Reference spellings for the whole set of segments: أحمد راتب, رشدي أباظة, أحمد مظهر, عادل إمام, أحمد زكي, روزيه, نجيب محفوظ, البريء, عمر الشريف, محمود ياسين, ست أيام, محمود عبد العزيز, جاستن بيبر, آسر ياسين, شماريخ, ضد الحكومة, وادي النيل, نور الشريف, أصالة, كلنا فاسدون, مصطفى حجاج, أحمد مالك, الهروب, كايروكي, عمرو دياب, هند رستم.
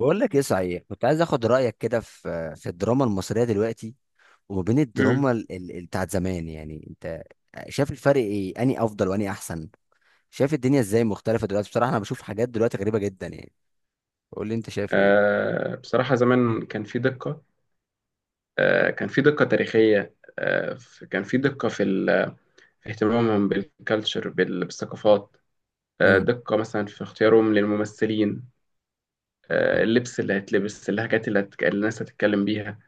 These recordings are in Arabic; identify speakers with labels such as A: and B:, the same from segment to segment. A: بقول لك ايه؟ صحيح، كنت عايز اخد رايك كده في الدراما المصريه دلوقتي، وما بين الدراما
B: مم.
A: بتاعت زمان. يعني انت شايف الفرق ايه؟ اني افضل واني احسن؟ شايف الدنيا ازاي مختلفه دلوقتي؟ بصراحه انا بشوف حاجات دلوقتي غريبه جدا يعني. قول لي انت شايف ايه.
B: بصراحة زمان كان في دقة. كان في دقة تاريخية، كان في دقة في اهتمامهم بالكالتشر، بالثقافات.
A: امم.
B: دقة مثلا في اختيارهم للممثلين، اللبس اللي هيتلبس، اللهجات اللي الناس هتتكلم بيها.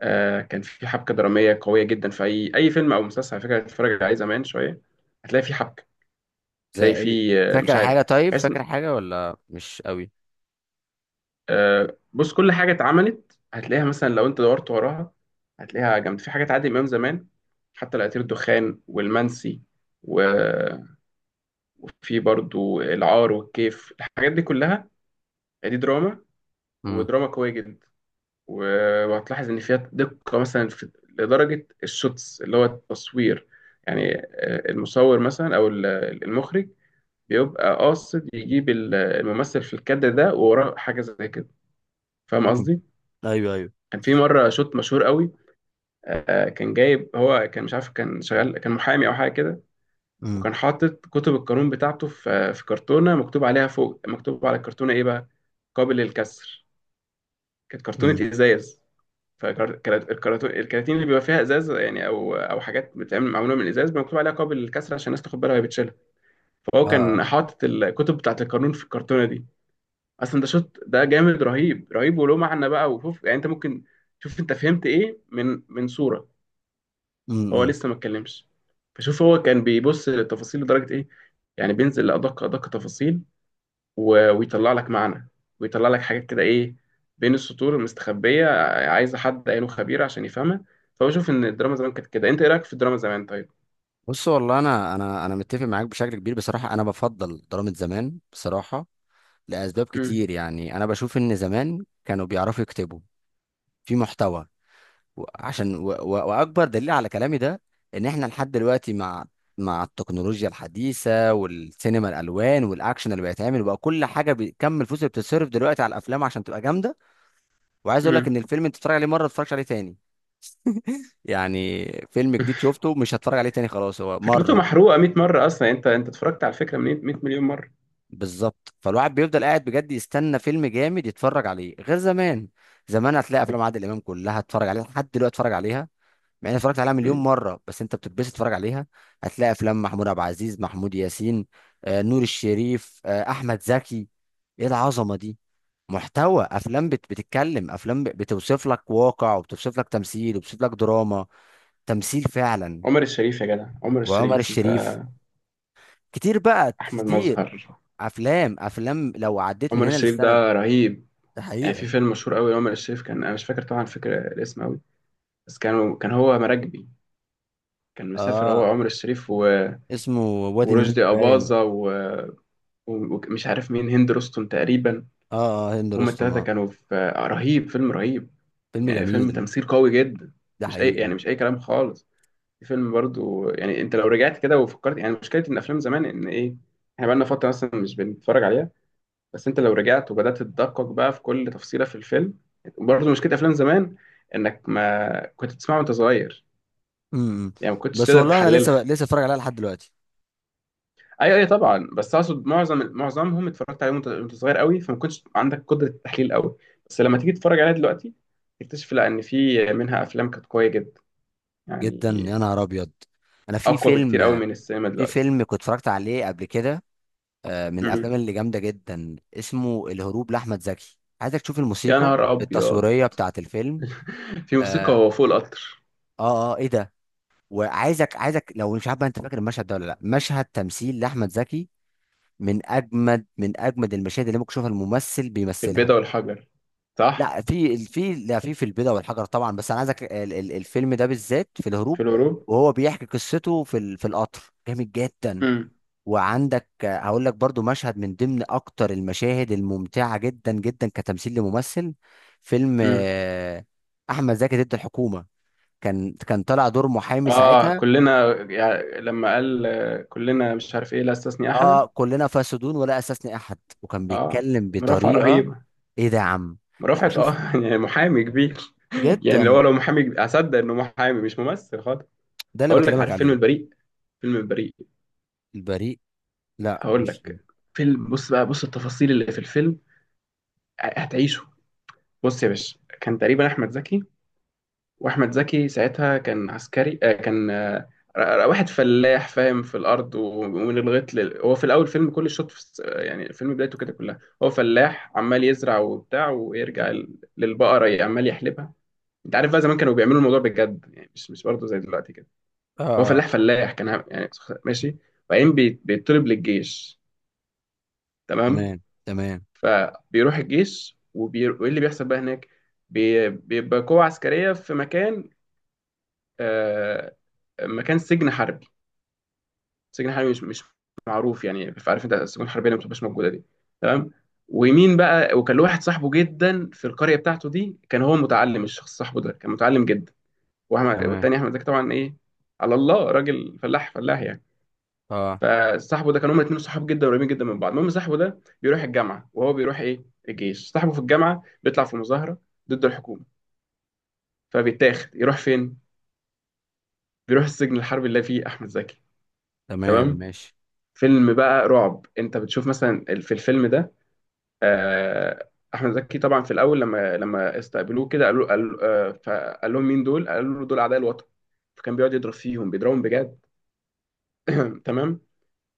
B: كان في حبكة درامية قوية جدا. في أي فيلم أو مسلسل على فكرة هتتفرج عليه زمان شوية هتلاقي في حبكة.
A: زي
B: هتلاقي
A: ايه؟
B: في مش
A: فاكر
B: عارف،
A: حاجه؟ طيب،
B: بحس.
A: فاكر حاجه ولا مش قوي؟
B: بص، كل حاجه اتعملت هتلاقيها مثلا لو انت دورت وراها، هتلاقيها جامد. في حاجات عادل امام زمان، حتى العطير، الدخان، والمنسي و... وفي برضو العار والكيف، الحاجات دي كلها. دي دراما،
A: امم.
B: ودراما قويه جدا. وهتلاحظ ان فيها دقه مثلا في... لدرجه الشوتس اللي هو التصوير. يعني المصور مثلا المخرج بيبقى قاصد يجيب الممثل في الكادر ده ووراه حاجه زي كده. فاهم قصدي؟
A: ايوه ايوه.
B: كان في مره شوت مشهور قوي. كان جايب، هو كان مش عارف، كان شغال، كان محامي او حاجه كده،
A: امم.
B: وكان حاطط كتب القانون بتاعته في كرتونه مكتوب عليها فوق. مكتوب على الكرتونه ايه بقى؟ قابل للكسر. كانت كرتونه
A: امم.
B: ازاز. فالكراتين اللي بيبقى فيها ازاز يعني، او حاجات بتتعمل معموله من الازاز، مكتوب عليها قابل للكسر عشان الناس تاخد بالها وهي بتشيلها. فهو كان
A: اه.
B: حاطط الكتب بتاعت القانون في الكرتونه دي. اصلا ده شوت، ده جامد، رهيب رهيب وله معنى بقى. وشوف يعني انت ممكن، شوف انت فهمت ايه من صوره. هو
A: امم.
B: لسه ما اتكلمش. فشوف هو كان بيبص للتفاصيل لدرجة ايه؟ يعني بينزل لأدق تفاصيل. ويطلع لك معنى، ويطلع لك حاجات كده ايه؟ بين السطور المستخبية، عايزة حد عينه خبير عشان يفهمها. فهو شوف ان الدراما زمان كانت كده. انت ايه رأيك في الدراما زمان، طيب؟
A: بص، والله انا انا متفق معاك بشكل كبير. بصراحه انا بفضل دراما زمان بصراحه، لأسباب
B: امم.
A: كتير. يعني أنا بشوف إن زمان كانوا بيعرفوا يكتبوا، في محتوى، و وأكبر دليل على كلامي ده إن إحنا لحد دلوقتي مع مع التكنولوجيا الحديثة والسينما الألوان والأكشن اللي بيتعمل بقى كل حاجة، بكم الفلوس اللي بتتصرف دلوقتي على الأفلام عشان تبقى جامدة، وعايز أقول لك
B: امم.
A: إن الفيلم أنت بتتفرج عليه مرة ما تتفرجش عليه تاني. يعني فيلم جديد شفته مش هتفرج عليه تاني، خلاص هو
B: فكرته
A: مرة.
B: محروقة 100 مرة. اصلا انت اتفرجت على الفكرة من 100 مليون مرة.
A: بالظبط، فالواحد بيفضل قاعد بجد يستنى فيلم جامد يتفرج عليه، غير زمان. زمان هتلاقي افلام عادل امام كلها اتفرج عليها لحد دلوقتي اتفرج عليها، مع اني اتفرجت عليها مليون
B: مم.
A: مره، بس انت بتتبسط تتفرج عليها. هتلاقي افلام محمود عبد العزيز، محمود ياسين، آه، نور الشريف، آه، احمد زكي. ايه العظمه دي! محتوى افلام بتتكلم، افلام بتوصف لك واقع، وبتوصف لك تمثيل، وبتوصف لك دراما، تمثيل فعلا.
B: عمر الشريف، يا جدع، عمر
A: وعمر
B: الشريف انت.
A: الشريف. كتير بقى،
B: احمد
A: كتير.
B: مظهر.
A: افلام افلام لو عديت من
B: عمر
A: هنا
B: الشريف
A: للسنه.
B: ده رهيب.
A: ده
B: يعني في
A: حقيقة.
B: فيلم مشهور قوي، عمر الشريف كان، انا مش فاكر طبعا فكرة الاسم، بس كان هو مراكبي. كان مسافر هو
A: اه،
B: عمر الشريف
A: اسمه وادي النيل
B: ورشدي
A: باين.
B: أباظة ومش عارف مين، هند رستم تقريبا.
A: اه اه، هند
B: هما
A: رستم
B: التلاتة
A: اه.
B: كانوا في، رهيب، فيلم رهيب.
A: فيلم
B: يعني فيلم
A: جميل.
B: تمثيل قوي جدا،
A: ده
B: مش أي يعني
A: حقيقة.
B: مش أي كلام خالص. الفيلم برضو يعني أنت لو رجعت كده وفكرت، يعني مشكلة إن أفلام زمان إن إيه، إحنا بقالنا فترة مثلا مش بنتفرج عليها. بس أنت لو رجعت وبدأت تدقق بقى في كل تفصيلة في الفيلم. برضو مشكلة أفلام زمان إنك ما كنت تسمعها وأنت صغير،
A: امم.
B: يعني ما كنتش
A: بس
B: تقدر
A: والله انا لسه
B: تحللها.
A: لسه اتفرج عليها لحد دلوقتي.
B: ايوه ايوه طبعا، بس اقصد معظمهم اتفرجت عليهم وأنت صغير قوي، فما كنتش عندك قدره التحليل قوي. بس لما تيجي تتفرج عليها دلوقتي تكتشف لا، ان في منها افلام كانت قويه جدا، يعني
A: جدا، يا نهار ابيض. انا في
B: اقوى بكتير قوي
A: فيلم،
B: من السينما
A: في
B: دلوقتي.
A: فيلم كنت اتفرجت عليه قبل كده، آه، من الافلام
B: مم.
A: اللي جامدة جدا، اسمه الهروب لاحمد زكي. عايزك تشوف
B: يا
A: الموسيقى
B: نهار ابيض.
A: التصويرية بتاعت الفيلم.
B: في موسيقى
A: اه.
B: وهو فوق القطر.
A: اه، آه، ايه ده! وعايزك لو مش عارف بقى انت فاكر المشهد ده ولا لا. مشهد تمثيل لاحمد زكي من اجمد، من اجمد المشاهد اللي ممكن تشوفها الممثل
B: في البيضة
A: بيمثلها.
B: والحجر، صح.
A: لا، في البيضة والحجر طبعا، بس انا عايزك الفيلم ده بالذات في الهروب.
B: في الغروب.
A: وهو بيحكي قصته في في القطر، جامد جدا.
B: امم.
A: وعندك آه، هقول لك برضو مشهد من ضمن اكتر المشاهد الممتعة جدا جدا كتمثيل لممثل. فيلم
B: امم.
A: آه، احمد زكي ضد الحكومة. كان طالع دور محامي
B: اه
A: ساعتها.
B: كلنا، يعني لما قال كلنا مش عارف ايه، لا استثني احدا.
A: اه كلنا فاسدون ولا اساسني احد، وكان
B: اه،
A: بيتكلم
B: مرافعة
A: بطريقة.
B: رهيبة.
A: ايه ده يا عم! لا
B: مرافعة،
A: شوف،
B: اه، يعني محامي كبير. يعني
A: جدا.
B: لو لو محامي، اصدق انه محامي مش ممثل خالص.
A: ده اللي
B: اقول لك،
A: بكلمك
B: عارف فيلم
A: عليه.
B: البريء؟ فيلم البريء،
A: البريء؟ لا
B: هقول
A: مش.
B: لك. فيلم، بص بقى بص التفاصيل اللي في الفيلم هتعيشه. بص يا باشا، كان تقريبا احمد زكي، واحمد زكي ساعتها كان عسكري، آه كان آه ر- ر- واحد فلاح فاهم في الارض ومن الغيط لل... هو في الاول فيلم، كل الشوط يعني الفيلم بدايته كده كلها هو فلاح عمال يزرع وبتاع ويرجع للبقره عمال يحلبها. انت عارف بقى زمان كانوا بيعملوا الموضوع بجد، يعني مش برضه زي دلوقتي كده. هو
A: اه. اه
B: فلاح كان يعني ماشي. وبعدين بيطلب للجيش. تمام.
A: تمام. تمام.
B: فبيروح الجيش وايه اللي بيحصل بقى هناك؟ بيبقى قوة عسكرية في مكان، آه... مكان سجن حربي. سجن حربي مش معروف يعني، عارف انت السجون الحربية اللي ما بتبقاش موجودة دي. تمام. ومين بقى؟ وكان له واحد صاحبه جدا في القرية بتاعته دي، كان هو متعلم، الشخص صاحبه ده كان متعلم جدا.
A: تمام
B: والتاني احمد زكي طبعا ايه، على الله، راجل فلاح يعني.
A: اه.
B: فصاحبه ده كانوا هما الاثنين صحاب جدا، قريبين جدا من بعض. المهم صاحبه ده بيروح الجامعه وهو بيروح ايه، الجيش. صاحبه في الجامعه بيطلع في مظاهره ضد الحكومه، فبيتاخد يروح فين؟ بيروح السجن الحربي اللي فيه احمد زكي.
A: تمام
B: تمام.
A: ماشي.
B: فيلم بقى رعب. انت بتشوف مثلا في الفيلم ده، آه، احمد زكي طبعا في الاول لما استقبلوه كده قالوا، قال فقال لهم مين دول؟ قالوا له دول اعداء الوطن. فكان بيقعد يضرب فيهم، بيضربهم بجد. تمام.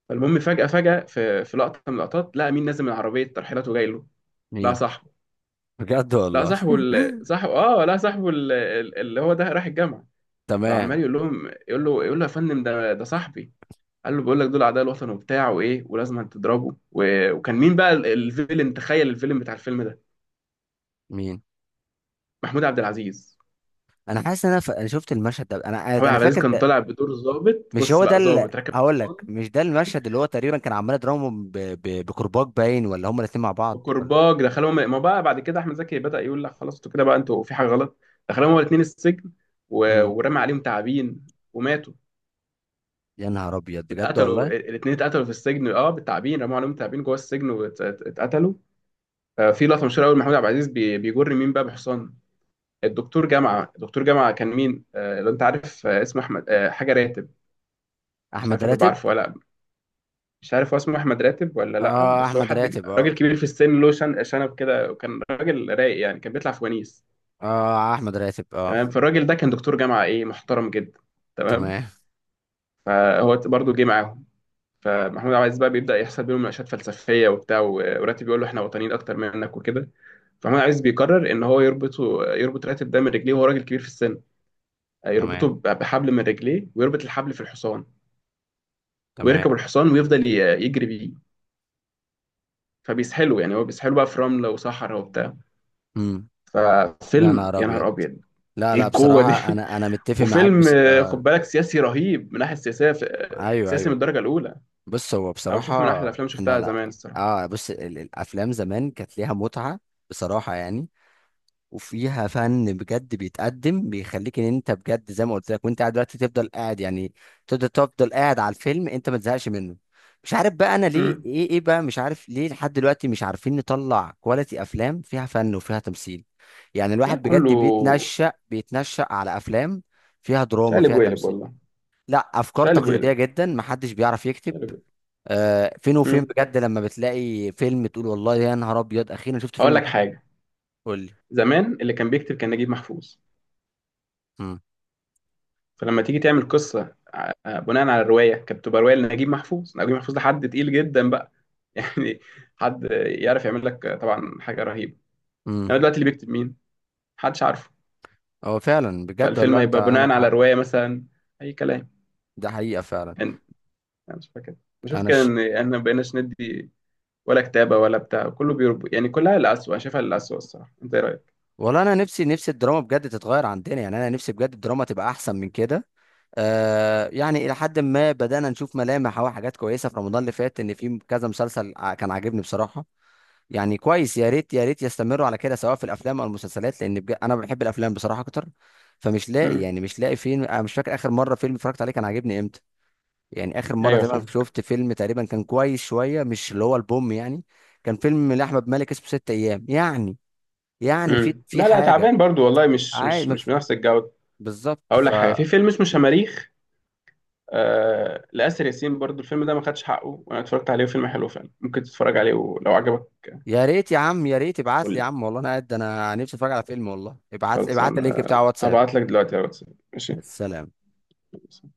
B: فالمهم فجأة في لقطة من اللقطات لقى مين نازل من عربية ترحيلات وجاي له؟ لقى
A: مين؟
B: صاحبه.
A: بجد
B: لقى
A: والله.
B: صاحبه، ال... صاحبه اه لقى صاحبه ال... ال- اللي هو ده رايح الجامعة.
A: تمام.
B: فعمال يقول لهم، يقول له يا فندم، ده صاحبي. قال له بقول لك دول أعداء الوطن وبتاع وإيه ولازم تضربه وكان مين بقى الفيلم، تخيل الفيلم بتاع الفيلم ده؟
A: مين؟
B: محمود عبد العزيز.
A: انا حاسس ان انا ف... أنا شفت المشهد ده، انا
B: محمود
A: انا
B: عبد العزيز
A: فاكر
B: كان
A: ده.
B: طالع بدور ظابط.
A: مش
B: بص
A: هو ده
B: بقى،
A: اللي.
B: ظابط راكب
A: هقول
B: حصان،
A: لك، مش ده المشهد اللي هو تقريبا كان عمال يضربهم بكرباج باين؟ ولا هما الاثنين مع بعض ولا؟
B: بكرباج دخلهم. ما بقى بعد كده احمد زكي بدأ يقول لا خلاص، انتوا كده بقى انتوا في حاجه غلط. دخلهم هما الاثنين السجن
A: امم.
B: ورمى عليهم تعابين وماتوا.
A: يا نهار ابيض بجد
B: اتقتلوا
A: والله.
B: الاثنين، اتقتلوا في السجن، اه، بالتعابين. رموا عليهم تعابين جوه السجن واتقتلوا. آه، في لقطه مشهوره قوي محمود عبد العزيز بيجر مين بقى بحصان؟ الدكتور جامعه. الدكتور جامعه كان مين، آه لو انت عارف، آه اسمه احمد، آه حاجه راتب. مش
A: احمد
B: عارف هتبقى
A: راتب
B: عارفه ولا لأ. مش عارف هو اسمه احمد راتب ولا لا،
A: اه.
B: بس هو
A: احمد
B: حد
A: راتب اه.
B: راجل كبير في السن، له شنب كده، وكان راجل رايق يعني، كان بيطلع في ونيس.
A: اه احمد راتب اه.
B: تمام. فالراجل ده كان دكتور جامعه ايه، محترم جدا. تمام.
A: تمام.
B: فهو برضو جه معاهم. فمحمود عبد العزيز بقى بيبدا يحصل بينهم مناقشات فلسفيه وبتاع، وراتب بيقول له احنا وطنيين اكتر منك وكده. فمحمود عبد العزيز بيقرر ان هو يربطه، يربط راتب ده من رجليه وهو راجل كبير في السن، يربطه
A: تمام
B: بحبل من رجليه ويربط الحبل في الحصان،
A: تمام.
B: ويركب الحصان ويفضل يجري بيه. فبيسحله يعني، هو بيسحله بقى في رمله وصحراء وبتاع.
A: امم. يا
B: ففيلم
A: نهار
B: يا نهار
A: ابيض.
B: ابيض،
A: لا
B: ايه
A: لا،
B: القوه دي؟
A: بصراحه انا انا متفق معاك،
B: وفيلم
A: بس
B: خد
A: آه.
B: بالك سياسي رهيب من الناحيه السياسيه،
A: ايوه
B: سياسي من
A: ايوه.
B: الدرجه الاولى.
A: بص، هو
B: انا بشوفه من احلى
A: بصراحه.
B: الافلام اللي
A: احنا
B: شفتها
A: لا.
B: زمان الصراحه.
A: اه، بص الافلام زمان كانت ليها متعه، بصراحه يعني. وفيها فن بجد بيتقدم، بيخليك ان انت بجد زي ما قلت لك، وانت قاعد دلوقتي تفضل قاعد يعني. تفضل قاعد على الفيلم، انت ما تزهقش منه. مش عارف بقى انا ليه
B: امم.
A: ايه، ايه بقى مش عارف ليه لحد دلوقتي مش عارفين نطلع كواليتي افلام فيها فن وفيها تمثيل. يعني
B: لا
A: الواحد بجد
B: كله
A: بيتنشأ على افلام فيها دراما
B: شقلب
A: فيها
B: وقلب
A: تمثيل.
B: والله.
A: لا، افكار
B: شقلب
A: تقليديه
B: وقلب.
A: جدا، محدش بيعرف يكتب.
B: شقلب وقلب.
A: آه، فين وفين
B: امم.
A: بجد لما بتلاقي فيلم تقول والله يا نهار ابيض اخيرا شفت
B: هقول
A: فيلم
B: لك
A: حلو.
B: حاجه.
A: قول لي.
B: زمان اللي كان بيكتب كان نجيب محفوظ. فلما تيجي تعمل قصه بناء على الروايه كانت بتبقى روايه لنجيب محفوظ. نجيب محفوظ ده حد تقيل جدا بقى يعني، حد يعرف يعمل لك طبعا حاجه رهيبه.
A: مم.
B: انما دلوقتي اللي بيكتب مين؟ محدش عارفه.
A: هو فعلا بجد
B: فالفيلم
A: والله انت
B: هيبقى بناء
A: عندك
B: على
A: حق.
B: روايه مثلا، اي كلام.
A: ده حقيقة فعلا.
B: انا مش فاكر. بشوف
A: انا
B: كده
A: ش...
B: ان احنا ما بقيناش ندي ولا كتابه ولا بتاع، كله بيربو يعني، كلها للأسوأ. انا شايفها للأسوأ الصراحه، انت ايه رايك؟
A: والله انا نفسي الدراما بجد تتغير عندنا. يعني انا نفسي بجد الدراما تبقى احسن من كده. آه، يعني الى حد ما بدأنا نشوف ملامح او حاجات كويسة في رمضان اللي فات، ان في كذا مسلسل كان عاجبني بصراحة. يعني كويس، يا ريت يا ريت يستمروا على كده، سواء في الافلام او المسلسلات، لان بجد انا بحب الافلام بصراحة اكتر. فمش لاقي،
B: امم.
A: يعني مش لاقي فيلم. انا مش فاكر اخر مرة فيلم اتفرجت عليه كان عاجبني امتى. يعني اخر مره
B: ايوه
A: تقريبا
B: فاهم.
A: شفت فيلم تقريبا كان كويس شويه، مش اللي هو البوم يعني. كان فيلم لاحمد مالك اسمه ست ايام يعني، يعني في
B: امم.
A: في
B: لا لا،
A: حاجه.
B: تعبان برضو والله، مش
A: عادي
B: مش
A: ما
B: مش
A: في-.
B: بنفس الجوده.
A: بالظبط،
B: اقول
A: ف.
B: لك حاجه، في فيلم اسمه شماريخ، آه لآسر ياسين برضو. الفيلم ده ما خدش حقه، وانا اتفرجت عليه، فيلم حلو فعلا، ممكن تتفرج عليه ولو عجبك.
A: يا ريت يا عم، يا ريت ابعت
B: قول
A: لي يا
B: لي.
A: عم. والله انا قاعد انا نفسي اتفرج على فيلم. والله ابعت لي
B: خلص
A: ابعت لي اللينك
B: انا
A: بتاع واتساب.
B: هبعت لك دلوقتي على الواتساب.
A: السلام.
B: ماشي.